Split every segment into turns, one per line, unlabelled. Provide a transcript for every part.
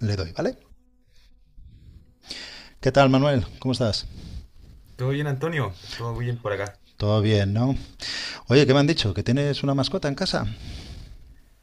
Le doy, ¿vale? ¿Qué tal, Manuel? ¿Cómo estás?
¿Todo bien, Antonio? ¿Todo bien por acá?
Todo bien, ¿no? Oye, ¿qué me han dicho? ¿Que tienes una mascota en casa?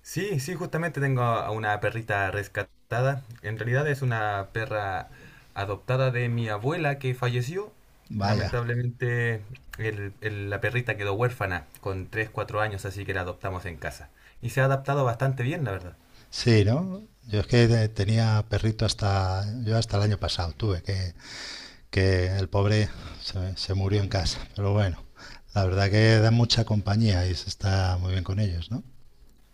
Sí, sí, justamente tengo a una perrita rescatada. En realidad es una perra adoptada de mi abuela que falleció.
Vaya.
Lamentablemente la perrita quedó huérfana con tres cuatro años, así que la adoptamos en casa. Y se ha adaptado bastante bien, la verdad.
Sí, ¿no? Yo es que tenía perrito yo hasta el año pasado tuve, que el pobre se murió en casa. Pero bueno, la verdad que da mucha compañía y se está muy bien con ellos, ¿no?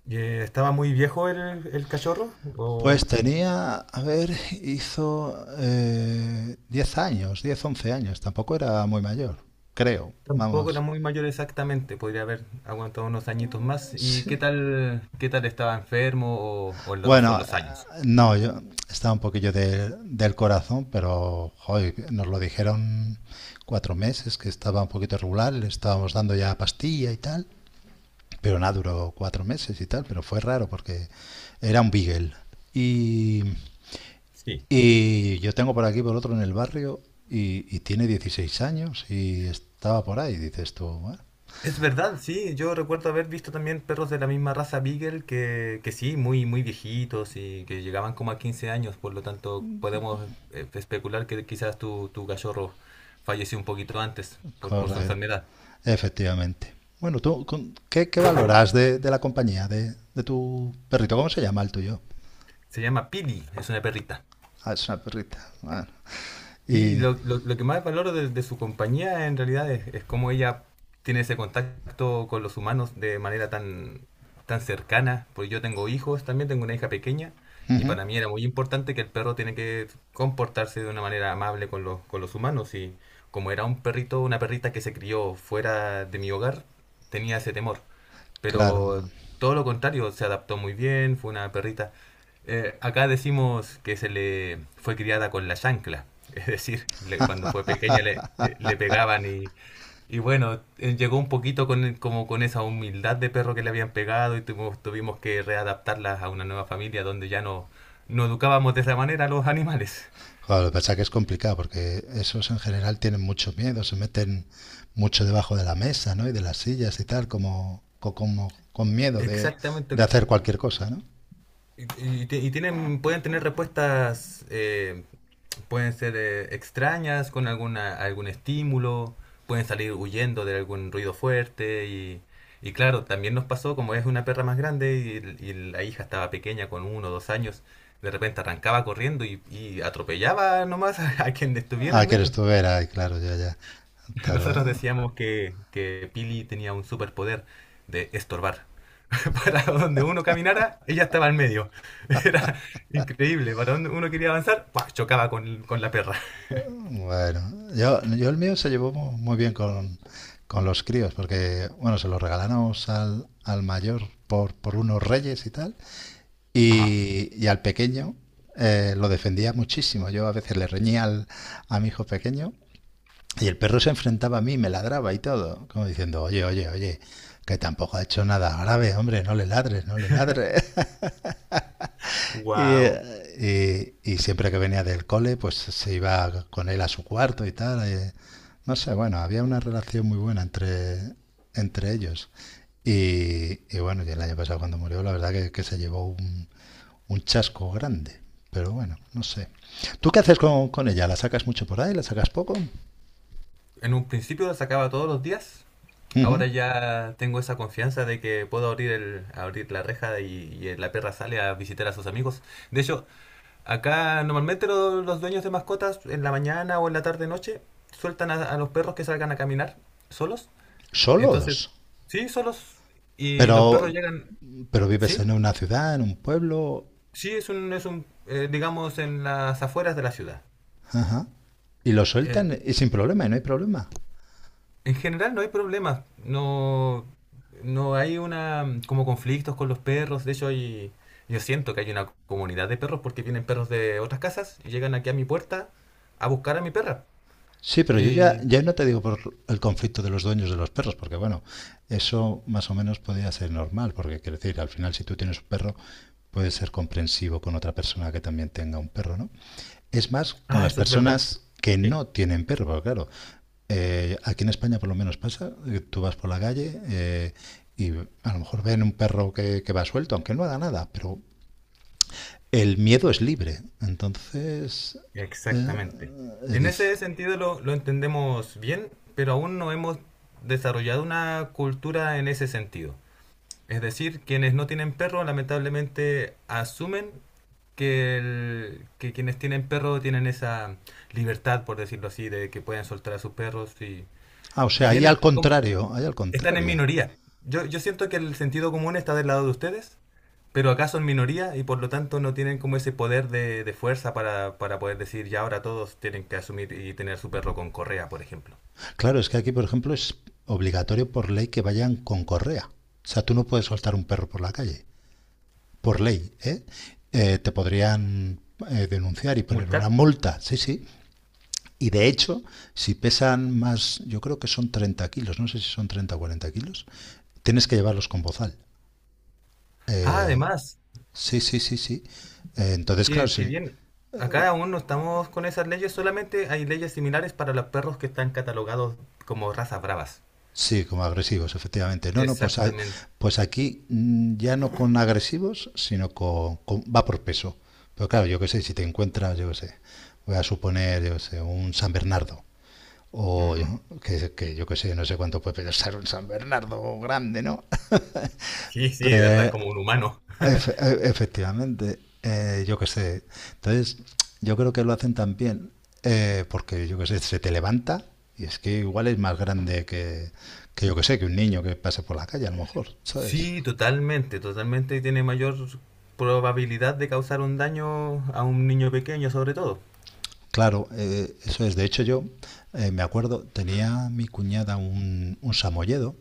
¿Estaba muy viejo el cachorro? ¿O
Pues tenía, a ver, hizo 10 años, 10 11 años, tampoco era muy mayor, creo,
tampoco era
vamos.
muy mayor exactamente? Podría haber aguantado unos añitos más. ¿Y
Sí,
qué tal estaba enfermo o o son
bueno,
los años?
no, yo estaba un poquillo del corazón, pero joy, nos lo dijeron 4 meses, que estaba un poquito regular, le estábamos dando ya pastilla y tal, pero nada, duró 4 meses y tal, pero fue raro porque era un Beagle. Y,
Sí.
y yo tengo por aquí, por otro, en el barrio, y tiene 16 años y estaba por ahí, dices tú, bueno,
Es verdad, sí. Yo recuerdo haber visto también perros de la misma raza Beagle que sí, muy, muy viejitos y que llegaban como a 15 años. Por lo tanto, podemos especular que quizás tu cachorro falleció un poquito antes por su
corre.
enfermedad.
Efectivamente. Bueno, ¿tú qué valoras de la compañía, de tu perrito? ¿Cómo se llama el tuyo?
Se llama Pili, es una perrita.
Ah, es una perrita. Bueno, y
Lo que más valoro de su compañía en realidad es cómo ella tiene ese contacto con los humanos de manera tan cercana, porque yo tengo hijos, también tengo una hija pequeña, y para mí era muy importante que el perro tiene que comportarse de una manera amable con con los humanos, y como era un perrito, una perrita que se crió fuera de mi hogar, tenía ese temor.
claro,
Pero todo lo contrario, se adaptó muy bien, fue una perrita. Acá decimos que se le fue criada con la chancla, es decir, cuando fue pequeña le pegaban y bueno, llegó un poquito como con esa humildad de perro que le habían pegado y tuvimos que readaptarla a una nueva familia donde no educábamos de esa manera a los animales.
joder, lo que pasa es que es complicado porque esos en general tienen mucho miedo, se meten mucho debajo de la mesa, ¿no? Y de las sillas y tal, como, como con miedo de
Exactamente.
hacer cualquier cosa, ¿no?
Y, y tienen, pueden tener respuestas pueden ser extrañas con algún estímulo, pueden salir huyendo de algún ruido fuerte y claro, también nos pasó, como es una perra más grande y la hija estaba pequeña con uno o dos años, de repente arrancaba corriendo y atropellaba nomás a quien estuviera
Ah,
en
que eres
medio.
tú, era, y claro, ya, ya. Claro,
Nosotros
eh.
decíamos que Pili tenía un superpoder de estorbar. Para donde uno caminara, ella estaba en medio. Era increíble. Para donde uno quería avanzar, ¡pua! Chocaba con la perra.
Bueno, yo el mío se llevó muy bien con los críos, porque, bueno, se lo regalamos al mayor por unos Reyes y tal,
Ajá.
y al pequeño lo defendía muchísimo. Yo a veces le reñía a mi hijo pequeño, y el perro se enfrentaba a mí, me ladraba y todo, como diciendo, oye, oye, oye, que tampoco ha hecho nada grave, hombre, no le ladres, no le ladres. Y,
Wow.
eh, y- y siempre que venía del cole, pues se iba con él a su cuarto y tal. No sé, bueno, había una relación muy buena entre ellos. Y bueno, y el año pasado cuando murió, la verdad que se llevó un chasco grande. Pero bueno, no sé. ¿Tú qué haces con ella? ¿La sacas mucho por ahí? ¿La sacas poco?
En un principio la sacaba todos los días. Ahora
Ujú.
ya tengo esa confianza de que puedo abrir la reja y la perra sale a visitar a sus amigos. De hecho, acá normalmente los dueños de mascotas en la mañana o en la tarde noche sueltan a los perros que salgan a caminar solos. Entonces,
¿Solos?
sí, solos. Y los perros
Pero,
llegan,
pero vives
sí,
en una ciudad, en un pueblo.
sí, digamos, en las afueras de la ciudad.
Ajá. Y lo
Eh,
sueltan y sin problema, y no hay problema.
en general no hay problemas. No, no hay una como conflictos con los perros. De hecho, yo siento que hay una comunidad de perros porque vienen perros de otras casas y llegan aquí a mi puerta a buscar a mi perra.
Sí, pero yo ya,
Y,
ya no te digo por el conflicto de los dueños de los perros, porque bueno, eso más o menos podría ser normal, porque quiero decir, al final si tú tienes un perro, puedes ser comprensivo con otra persona que también tenga un perro, ¿no? Es más, con
ah,
las
eso es verdad.
personas que
Sí,
no tienen perro, porque claro, aquí en España por lo menos pasa, tú vas por la calle y a lo mejor ven un perro que va suelto, aunque no haga nada, pero el miedo es libre, entonces eh,
exactamente.
eh,
En
diz-
ese sentido lo entendemos bien, pero aún no hemos desarrollado una cultura en ese sentido. Es decir, quienes no tienen perro lamentablemente asumen que quienes tienen perro tienen esa libertad, por decirlo así, de que pueden soltar a sus perros
Ah, o
y
sea, ahí
bien,
al contrario, ahí al
están en
contrario.
minoría. Yo siento que el sentido común está del lado de ustedes, pero acá son minoría y por lo tanto no tienen como ese poder de fuerza para poder decir ya ahora todos tienen que asumir y tener su perro con correa, por ejemplo.
Claro, es que aquí, por ejemplo, es obligatorio por ley que vayan con correa. O sea, tú no puedes soltar un perro por la calle, por ley, ¿eh? Te podrían denunciar y poner una
Multar.
multa, sí, sí. Y de hecho, si pesan más, yo creo que son 30 kilos, no sé si son 30 o 40 kilos, tienes que llevarlos con bozal.
Ah,
Eh,
además,
sí, sí, sí, sí. Entonces, claro,
qué, qué
sí.
bien. Acá aún no estamos con esas leyes, solamente hay leyes similares para los perros que están catalogados como razas bravas.
Sí, como agresivos, efectivamente. No, no, pues,
Exactamente.
pues aquí ya no con agresivos, sino va por peso. Pero claro, yo qué sé, si te encuentras, yo qué sé, voy a suponer, yo qué sé, un San Bernardo. O
Ujú.
que, yo qué sé, no sé cuánto puede pesar un San Bernardo grande, ¿no?
Sí, sí, de verdad, como un humano.
Efectivamente, yo qué sé. Entonces, yo creo que lo hacen también porque, yo qué sé, se te levanta y es que igual es más grande que, yo qué sé, que un niño que pase por la calle, a lo mejor, ¿sabes?
Sí, totalmente, totalmente. Y tiene mayor probabilidad de causar un daño a un niño pequeño, sobre todo.
Claro, eso es. De hecho, yo me acuerdo, tenía mi cuñada un samoyedo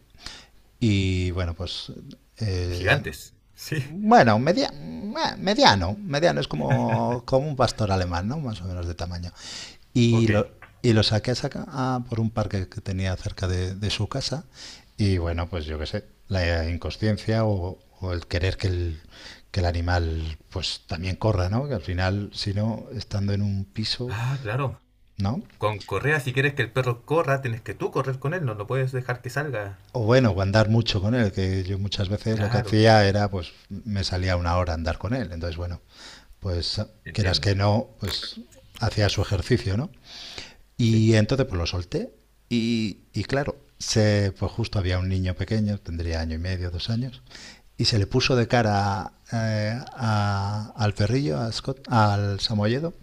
y, bueno, pues, eh,
Gigantes. Sí,
bueno, mediano, es como un pastor alemán, ¿no? Más o menos de tamaño. Y
ok.
lo, y lo saqué a por un parque que tenía cerca de su casa. Y bueno, pues yo qué sé, la inconsciencia o el querer que el animal pues también corra, ¿no? Que al final, si no, estando en un piso,
Ah, claro.
¿no?
Con correa, si quieres que el perro corra, tienes que tú correr con él, no lo puedes dejar que salga.
O bueno, o andar mucho con él, que yo muchas veces lo que
Claro,
hacía era, pues me salía una hora a andar con él. Entonces, bueno, pues quieras que
entiendo.
no, pues hacía su ejercicio, ¿no?
Sí,
Y entonces pues lo solté y claro, se, pues justo había un niño pequeño, tendría año y medio, 2 años, y se le puso de cara al perrillo, a Scott, al Samoyedo,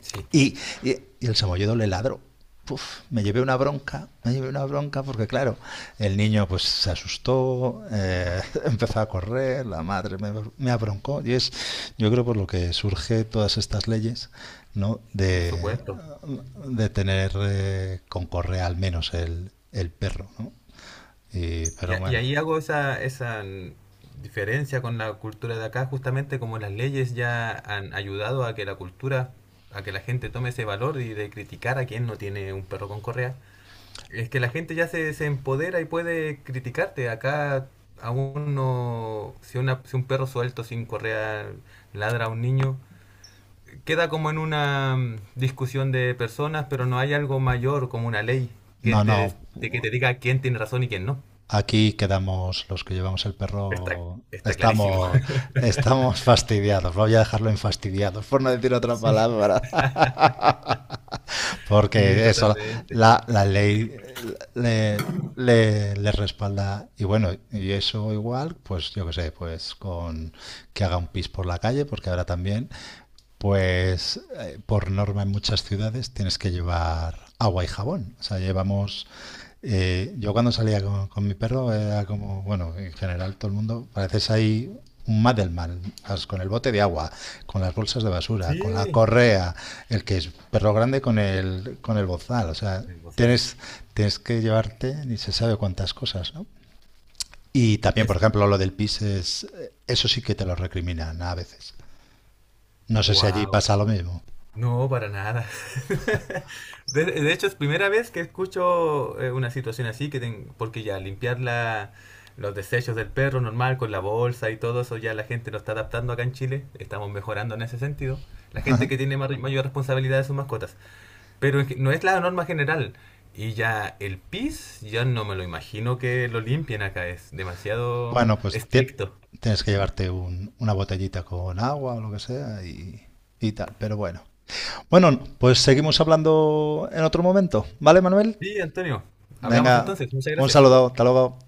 sí,
y, y el samoyedo le ladró. Uf, me llevé una bronca, me llevé una bronca porque claro, el niño pues se asustó, empezó a correr, la madre abroncó y es, yo creo por lo que surge todas estas leyes, ¿no?
por
De,
supuesto.
de tener con correa al menos el perro, ¿no? Pero
Y
bueno,
ahí hago esa diferencia con la cultura de acá, justamente como las leyes ya han ayudado a que la cultura, a que la gente tome ese valor y de criticar a quien no tiene un perro con correa. Es que la gente ya se empodera y puede criticarte. Acá aún no, si un perro suelto sin correa ladra a un niño, queda como en una discusión de personas, pero no hay algo mayor como una ley que
no, no,
que te diga quién tiene razón y quién no.
aquí quedamos los que llevamos el
Está,
perro.
está clarísimo.
Estamos fastidiados, voy a dejarlo en fastidiados, por no decir otra
Sí,
palabra,
sí,
porque eso,
totalmente.
la ley le, le respalda. Y bueno, y eso igual, pues yo qué sé, pues con que haga un pis por la calle, porque ahora también pues por norma en muchas ciudades tienes que llevar agua y jabón. O sea, llevamos... yo cuando salía con mi perro era como, bueno, en general todo el mundo, pareces ahí un Madelman, con el bote de agua, con las bolsas de basura, con la
Sí,
correa, el que es perro grande con con el bozal. O sea,
el bozal.
tienes, tienes que llevarte ni se sabe cuántas cosas, ¿no? Y también, por
Es
ejemplo, lo del pis es, eso sí que te lo recriminan a veces. No sé si allí
wow.
pasa lo mismo.
No, para nada. De hecho, es primera vez que escucho una situación así, porque ya limpiar los desechos del perro normal con la bolsa y todo eso, ya la gente lo está adaptando acá en Chile. Estamos mejorando en ese sentido. La gente que tiene mayor responsabilidad de sus mascotas. Pero es que no es la norma general. Y ya el PIS, ya no me lo imagino que lo limpien acá, es demasiado
Bueno, pues
estricto.
tienes que llevarte una botellita con agua o lo que sea y tal, pero bueno. Bueno, pues seguimos hablando en otro momento, ¿vale, Manuel?
Sí, Antonio, hablamos
Venga,
entonces, muchas
un
gracias.
saludo, hasta luego.